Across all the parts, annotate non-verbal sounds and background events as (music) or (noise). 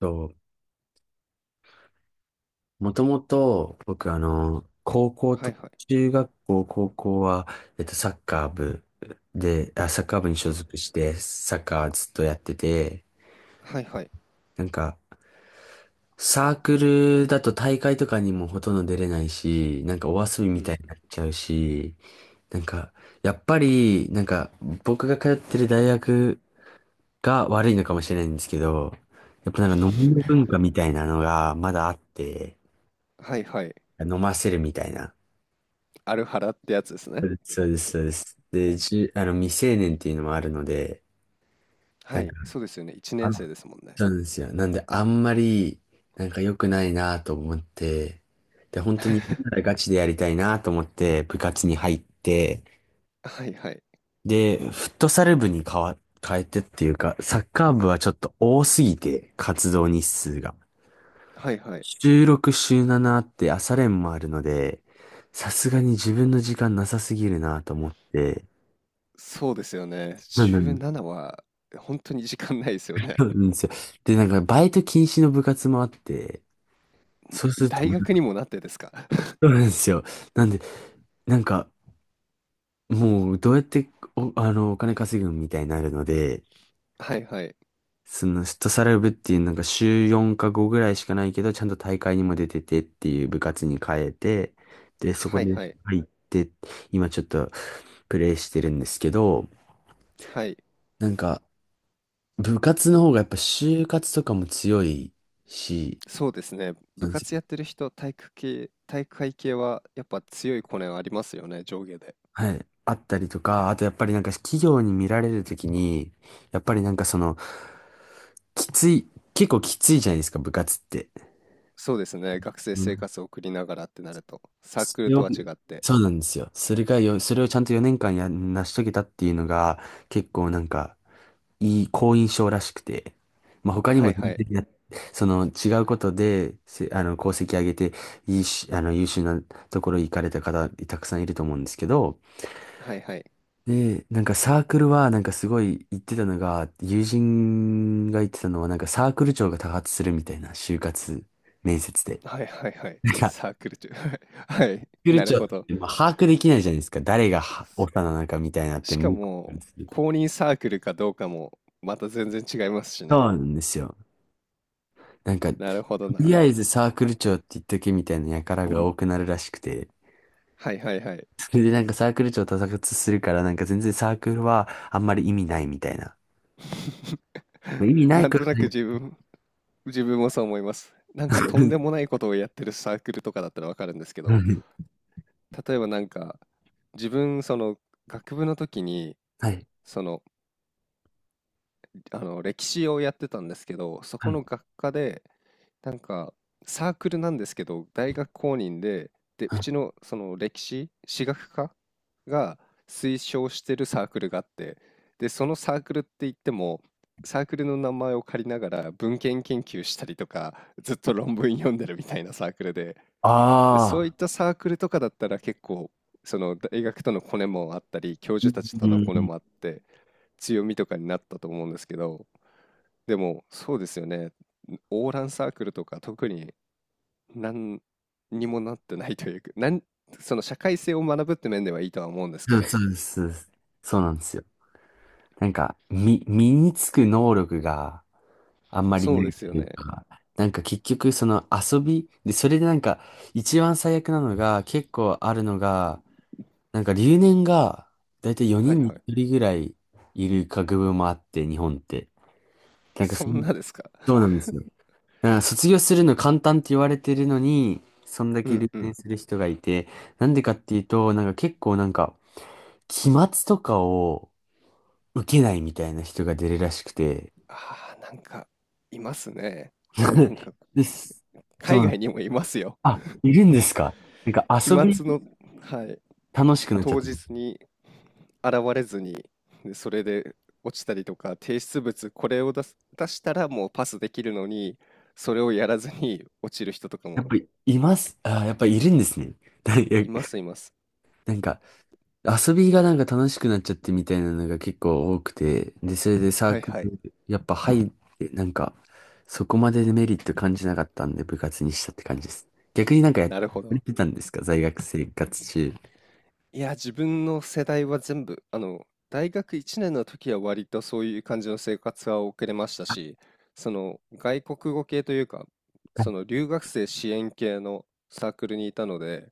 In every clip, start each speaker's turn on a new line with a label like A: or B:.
A: と、もともと、僕、高校
B: はい
A: と、
B: はい。
A: 中学校、高校は、えっと、サッカー部サッカー部に所
B: は、
A: 属して、サッカーずっとやってて、
B: はいはい。
A: なんか、サークルだと大会とかにもほとんど出れないし、なんかお遊び
B: う
A: みた
B: ん。
A: いになっちゃうし、なんか、やっぱり、僕が通ってる大学が悪いのかもしれないんですけど、やっぱなんか飲みの文化
B: (laughs)
A: みたいなのがまだあって、
B: はいはい。
A: 飲ませるみたいな。
B: アルハラってやつです
A: そ
B: ね。
A: うです、そうです。そうですで、じゅ、あの、未成年っていうのもあるので、
B: は
A: なんか、
B: い、そうですよね。1
A: あ
B: 年生
A: ら、
B: ですもんね。
A: そうなんですよ。なんで、あんまり、なんか良くないなと思って、で、本当にやるなら
B: (laughs)
A: ガチでやりたいなと思って、部活に入って、
B: はいはい。
A: で、フットサル部に変わ、変えてっていうか、サッカー部はちょっと多すぎて、活動日数が。
B: はいはい。
A: 週6、週7あって朝練もあるので、さすがに自分の時間なさすぎるなと思って、
B: そうですよね。
A: うんうん、
B: 17は本当に時間ないですよね。
A: そうなんですよ。で、なんか、バイト禁止の部活もあって、そう
B: (laughs)
A: すると
B: 大
A: もう、
B: 学にもなってですか？
A: そうなんですよ。なんで、なんか、もう、どうやって、お、あの、お金稼ぐみたいになるので、
B: (laughs) はいはい。
A: その、フットサル部っていう、なんか、週4か5ぐらいしかないけど、ちゃんと大会にも出ててっていう部活に変えて、で、そこ
B: はい
A: で
B: はい。
A: 入って、今ちょっと、プレイしてるんですけど、
B: はい。
A: なんか、部活の方がやっぱ就活とかも強いし、
B: そうですね。部活やってる人、体育系体育会系はやっぱ強いコネはありますよね、上下で。
A: はい。あったりとか、あとやっぱりなんか企業に見られるときに、やっぱりなんかその、きつい、結構きついじゃないですか、部活って。
B: そうですね、学生
A: う
B: 生
A: ん、
B: 活を送りながらってなると、サー
A: そ
B: クル
A: れ
B: と
A: を、
B: は違って。
A: そうなんですよ。それをちゃんと4年間成し遂げたっていうのが、結構なんか、好印象らしくて。まあ他に
B: は
A: も
B: いは
A: 全
B: い。
A: 然や、その違うことで、せ、あの、功績上げて、いいし、あの、優秀なところに行かれた方、たくさんいると思うんですけど、
B: はいはい。
A: で、なんかサークルは、なんかすごい言ってたのが、友人が言ってたのは、なんかサークル長が多発するみたいな、就活面接で。
B: はいはいはい。
A: サ
B: サークル中。(laughs) はい。は
A: ー
B: い、
A: クル
B: なる
A: 長っ
B: ほど。
A: て、まあ、把握できないじゃないですか。誰がはオ
B: そ
A: ファーなのかみたいなって、
B: しか
A: 向こうから
B: も、
A: すると
B: 公認サークルかどうかも、また全然違いますし
A: そ
B: ね。
A: うなんですよ。なんか、と
B: なるほど
A: りあ
B: な。
A: えずサークル長って言っとけみたいな輩が多くなるらしくて、
B: はいはいはい。
A: それでなんかサークル長多発するから、なんか全然サークルはあんまり意味ないみたいな。
B: (laughs)
A: まあ意味ない
B: なん
A: か
B: となく
A: らね、
B: 自分もそう思います。なんかとんでも
A: (laughs)
B: ないことをやってるサークルとかだったらわかるんですけど、例えばなんか、自分、その、学部の時に、
A: はい。
B: その、あの歴史をやってたんですけど、そ
A: は
B: こ
A: い。
B: の学科で、なんかサークルなんですけど、大学公認で、で、
A: は
B: う
A: い。
B: ちのその歴史、史学科が推奨してるサークルがあって、で、そのサークルって言っても、サークルの名前を借りながら文献研究したりとか、ずっと論文読んでるみたいなサークルで、で、
A: あ
B: そういっ
A: あ。
B: たサークルとかだったら結構、その大学とのコネもあったり、教
A: う
B: 授たちとのコネ
A: ん、
B: もあって、強みとかになったと思うんですけど、でも、そうですよね。オーランサークルとか特に何にもなってないというか、その社会性を学ぶって面ではいいとは思うんです
A: そ
B: け
A: うん、
B: ど。
A: そうです、そうです。そうなんですよ。身につく能力があんまり
B: そ
A: な
B: う
A: い
B: です
A: っ
B: よ
A: てい
B: ね。
A: うか、なんか結局その遊び、で、それでなんか、一番最悪なのが、結構あるのが、なんか留年が、だいたい4
B: はい
A: 人に
B: はい。
A: 1人ぐらいいる学部もあって、日本って。なんか
B: そ
A: そ
B: ん
A: の、
B: なですか。
A: そうなんです
B: (laughs)
A: よ。だから卒業するの簡単って言われてるのに、そんだ
B: う
A: け
B: ん
A: 留
B: う
A: 年
B: ん。
A: する人がいて、なんでかっていうと、なんか結構なんか、期末とかを受けないみたいな人が出るらしくて。
B: ああ、なんか、いますね。な
A: (laughs)
B: んか、
A: です。そ
B: 海
A: う。
B: 外にもいますよ。
A: あ、いるんですか。なんか
B: 期
A: 遊び
B: 末の、はい。
A: 楽しくなっちゃっ
B: 当
A: て。
B: 日に現れずに、で、それで落ちたりとか、提出物これを出したらもうパスできるのに、それをやらずに落ちる人とか
A: やっ
B: も
A: ぱりいます。あー、やっぱりいるんですね。(laughs) だいや
B: いますいます。
A: なんか遊びがなんか楽しくなっちゃってみたいなのが結構多くて。で、それでサー
B: はい
A: ク
B: はい、
A: ル、やっぱ入って、なんかそこまでメリット感じなかったんで部活にしたって感じです。逆になんかやっ
B: なるほど。
A: てたんですか在学生活中。
B: いや、自分の世代は全部、あの、大学1年の時は割とそういう感じの生活は送れましたし、その外国語系というか、
A: は
B: そ
A: い。
B: の留学生支援系のサークルにいたので、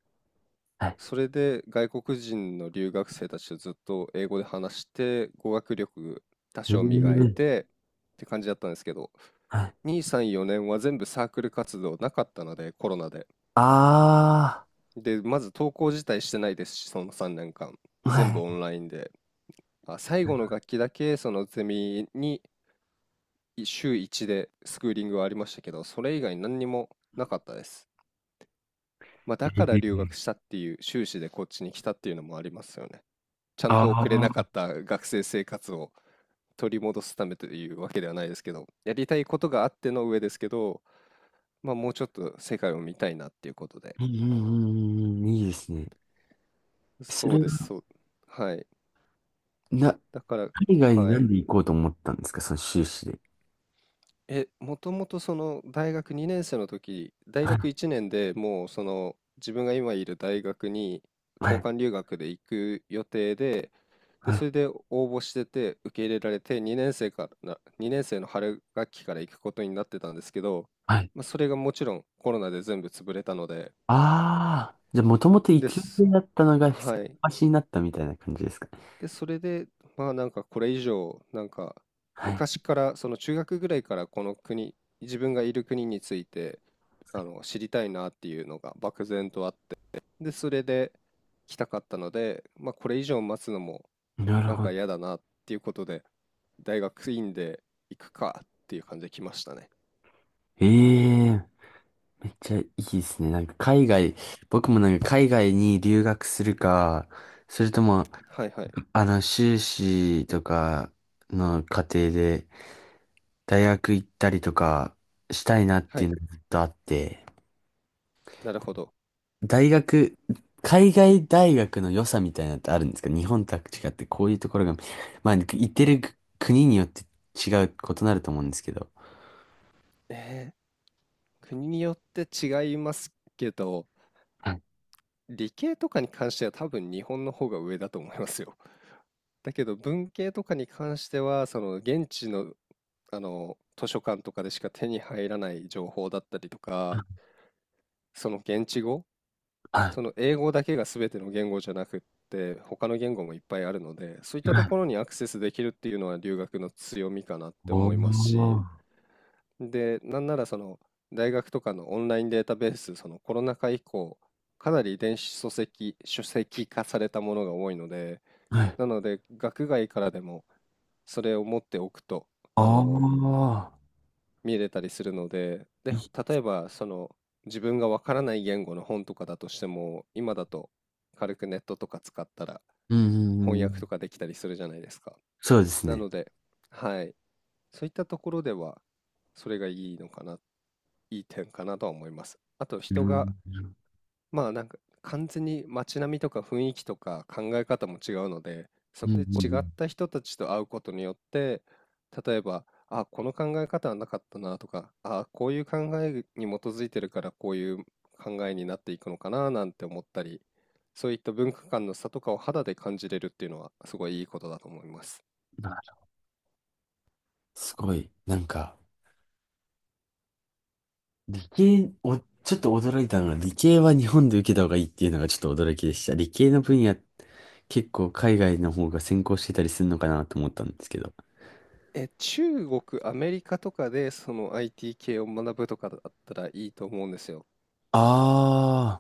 A: はい。
B: それで外国人の留学生たちとずっと英語で話して語学力多
A: うー
B: 少磨い
A: ん、
B: てって感じだったんですけど、
A: はい、
B: 2、3、4年は全部サークル活動なかったのでコロナで、
A: あ
B: で、まず登校自体してないですし、その3年間
A: あ、
B: 全部
A: は
B: オン
A: い。
B: ラインで、まあ最後の学期だけそのゼミに、週1でスクーリングはありましたけど、それ以外何にもなかったです。まあ、だから留学したっていう、修士でこっちに来たっていうのもありますよね。ちゃんと
A: あ
B: 送れなか
A: あ、
B: った学生生活を取り戻すためというわけではないですけど、やりたいことがあっての上ですけど、まあ、もうちょっと世界を見たいなっていうことで。
A: うんうんうんうん、いいですね。そ
B: そう
A: れ
B: です、
A: は、
B: そう。はい。
A: な、
B: だから、
A: 海外に
B: は
A: な
B: い。
A: んで行こうと思ったんですか、その修士で。
B: え、もともとその大学2年生の時、大
A: はい、
B: 学1年でもうその自分が今いる大学に
A: は
B: 交
A: い、
B: 換留学で行く予定で、で、
A: はい。
B: それで応募してて受け入れられて2年生から、2年生の春学期から行くことになってたんですけど、
A: はい。
B: まあ、それがもちろんコロナで全部潰れたので、
A: ああ、じゃあ、もともと行
B: で
A: く予
B: す。
A: 定だったのが、先
B: はい。
A: 走りになったみたいな感じですか。
B: で、それで、まあなんかこれ以上、なんか
A: はい。
B: 昔から、その中学ぐらいからこの国、自分がいる国について、あの、知りたいなっていうのが漠然とあって、で、それで来たかったので、まあこれ以上待つのも
A: なる
B: なん
A: ほ
B: か
A: ど。
B: 嫌だなっていうことで、大学院で行くかっていう感じで来ましたね。
A: ええ、めっちゃいいですね。なんか、海外、僕もなんか、海外に留学するか、それとも、
B: はいはい。
A: あの、修士とかの過程で、大学行ったりとかしたいなっ
B: は
A: ていう
B: い。
A: のがずっとあって、
B: なるほど。
A: 大学、海外大学の良さみたいなのってあるんですか日本とは違ってこういうところが、まあ、行ってる国によって違う、異なると思うんですけど。
B: え国によって違いますけど、
A: はい。
B: 理系とかに関しては多分日本の方が上だと思いますよ。だけど文系とかに関してはその現地の、あの図書館とかでしか手に入らない情報だったりとか、その現地語、
A: は
B: その英語だけが全ての言語じゃなくって他の言語もいっぱいあるので、そういっ
A: い。
B: たと
A: は
B: ころ
A: い、
B: にアクセスできるっていうのは留学の強みかなって
A: お
B: 思いますし、
A: ー。
B: で、なんならその大学とかのオンラインデータベース、そのコロナ禍以降かなり電子書籍化されたものが多いので、
A: はい。
B: なので、学外からでもそれを持っておくと、
A: あ
B: あの、
A: あ。
B: 見れたりするので、で、
A: い、
B: 例えば、その、自分がわからない言語の本とかだとしても、今だと軽くネットとか使ったら
A: うんう
B: 翻
A: んう
B: 訳
A: ん。
B: とかできたりするじゃないですか。
A: そうです
B: な
A: ね。
B: ので、はい、そういったところでは、それがいいのかな、いい点かなとは思います。あと、
A: うん。
B: 人が
A: うん
B: まあなんか完全に街並みとか雰囲気とか考え方も違うので、そ
A: うんう
B: こで違っ
A: ん。
B: た人たちと会うことによって、例えば、あ、この考え方はなかったなとか、あ、こういう考えに基づいてるからこういう考えになっていくのかななんて思ったり、そういった文化間の差とかを肌で感じれるっていうのはすごいいいことだと思います。
A: なるすごい。なんか、理系、お、ちょっと驚いたのが、理系は日本で受けた方がいいっていうのがちょっと驚きでした。理系の分野、結構海外の方が先行してたりするのかなと思ったんですけど。
B: え、中国、アメリカとかでその IT 系を学ぶとかだったらいいと思うんですよ。
A: あ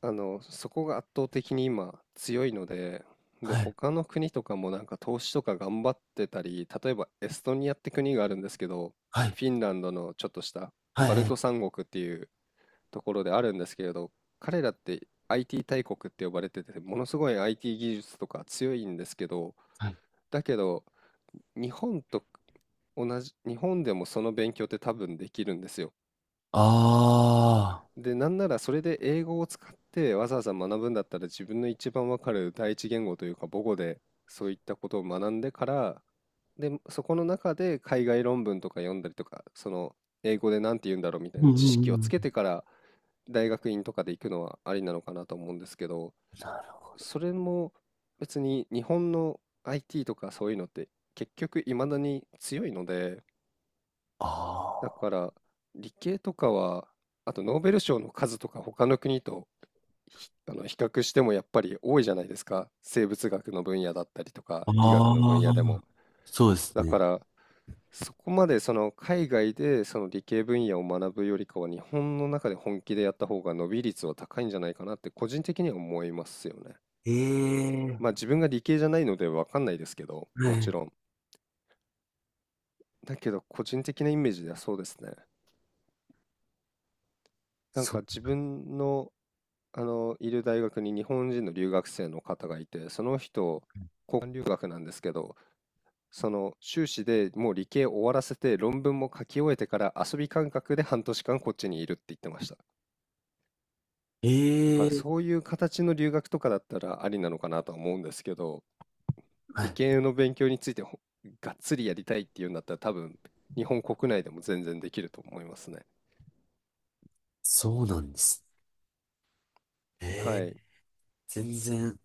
B: あの、そこが圧倒的に今強いので、
A: あ、
B: で、
A: はい、
B: 他の国とかもなんか投資とか頑張ってたり、例えばエストニアって国があるんですけど、
A: はい、
B: フィンランドのちょっとした
A: は
B: バ
A: い、
B: ル
A: は
B: ト
A: い。
B: 三国っていうところであるんですけれど、彼らって IT 大国って呼ばれてて、ものすごい IT 技術とか強いんですけど、
A: はい。
B: だけど、日本と同じ、日本でもその勉強って多分できるんですよ。
A: あ
B: で、なんならそれで英語を使ってわざわざ学ぶんだったら自分の一番わかる第一言語というか母語でそういったことを学んでから、で、そこの中で海外論文とか読んだりとか、その英語で何て言うんだろうみたい
A: あ、う
B: な
A: ん
B: 知
A: う
B: 識をつ
A: んう
B: け
A: ん。
B: てから大学院とかで行くのはありなのかなと思うんですけど、それも別に日本の IT とかそういうのって結局未だに強いので、だ
A: あ
B: から理系とかは、あとノーベル賞の数とか他の国とあの比較してもやっぱり多いじゃないですか。生物学の分野だったりとか、
A: あ、
B: 医学の分
A: あ
B: 野で
A: あ、
B: も。
A: そうです
B: だか
A: ね。
B: ら、そこまでその海外でその理系分野を学ぶよりかは、日本の中で本気でやった方が伸び率は高いんじゃないかなって個人的には思いますよね。
A: え
B: まあ
A: え、
B: 自分が理系じゃないのでわかんないですけど、
A: は
B: もち
A: い。
B: ろん。だけど個人的なイメージではそうですね。なん
A: そ、
B: か自分の、あの、いる大学に日本人の留学生の方がいて、その人、交換留学なんですけど、その修士でもう理系終わらせて論文も書き終えてから遊び感覚で半年間こっちにいるって言ってました。だか
A: え
B: ら
A: え、
B: そういう形の留学とかだったらありなのかなとは思うんですけど、
A: は
B: 理
A: い。
B: 系の勉強についてがっつりやりたいっていうんだったら多分日本国内でも全然できると思いますね。
A: そうなんです。え
B: は
A: え、
B: い。
A: 全然。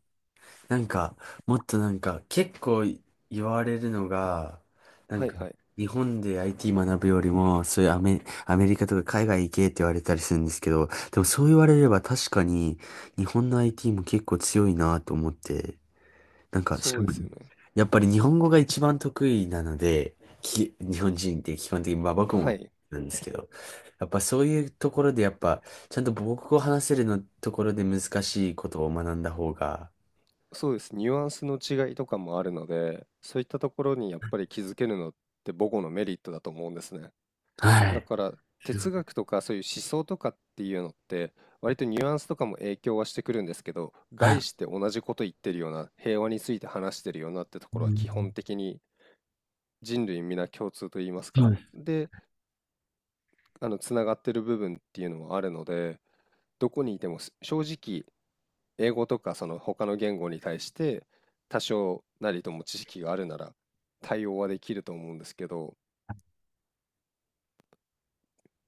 A: なんか、もっとなんか、結構言われるのが、なん
B: はい
A: か、
B: はい。
A: 日本で IT 学ぶよりも、そういうアメ、アメリカとか海外行けって言われたりするんですけど、でもそう言われれば確かに、日本の IT も結構強いなと思って、なんか、し
B: そ
A: か
B: うで
A: も、
B: すよね。
A: やっぱり日本語が一番得意なので、日本人って基本的に、まあ僕
B: は
A: も
B: い。
A: なんですけど、やっぱそういうところでやっぱ、ちゃんと母国語を話せるのところで難しいことを学んだ方が、
B: そうです。ニュアンスの違いとかもあるので、そういったところにやっぱり気づけるのって母語のメリットだと思うんですね。
A: は
B: だ
A: い。
B: から哲学とかそういう思想とかっていうのって割とニュアンスとかも影響はしてくるんですけど、
A: はい。
B: 概して同じこと言ってるような、平和について話してるようなってと
A: う
B: ころは基本
A: ん、
B: 的に人類皆共通と言います
A: は
B: か、
A: い。
B: で、あのつながってる部分っていうのはあるので、どこにいても正直英語とかその他の言語に対して多少なりとも知識があるなら対応はできると思うんですけど、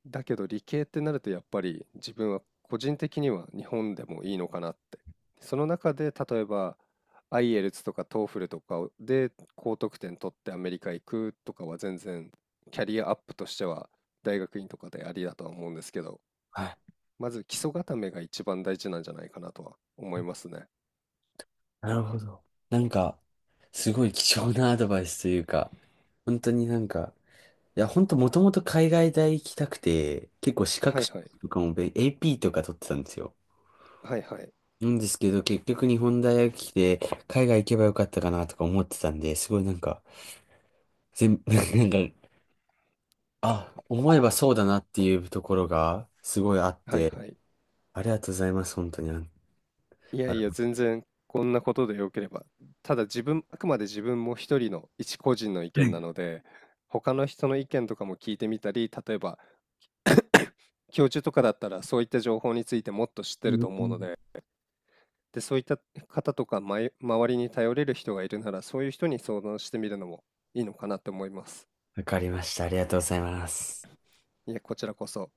B: だけど理系ってなるとやっぱり自分は個人的には日本でもいいのかなって。その中で例えば IELTS とか TOEFL とかで高得点取ってアメリカ行くとかは全然キャリアアップとしては大学院とかでありだとは思うんですけど、
A: はい、
B: まず基礎固めが一番大事なんじゃないかなとは思いますね。
A: なるほど。なんか、すごい貴重なアドバイスというか、本当になんか、いや、本当もともと海外大行きたくて、結構資
B: は
A: 格
B: いはい。
A: とかもべん AP とか取ってたんですよ。
B: はいはい。
A: なんですけど、結局日本大学来て、海外行けばよかったかなとか思ってたんで、すごいなんか、(laughs) なんか、あ、思えばそうだなっていうところが、すごいあっ
B: はい
A: て、
B: はい。
A: ありがとうございます、本当に。あ、
B: いや
A: あ
B: い
A: の
B: や、
A: は
B: 全然こんなことで良ければ。ただ自分、あくまで自分も一人の一個人の意見な
A: い、
B: ので、他の人の意見とかも聞いてみたり、例えば教授とかだったらそういった情報についてもっと知って
A: う
B: ると思うの
A: ん、
B: で、で、そういった方とか、周りに頼れる人がいるなら、そういう人に相談してみるのもいいのかなって思います。
A: わかりました。ありがとうございます。
B: いやこちらこそ。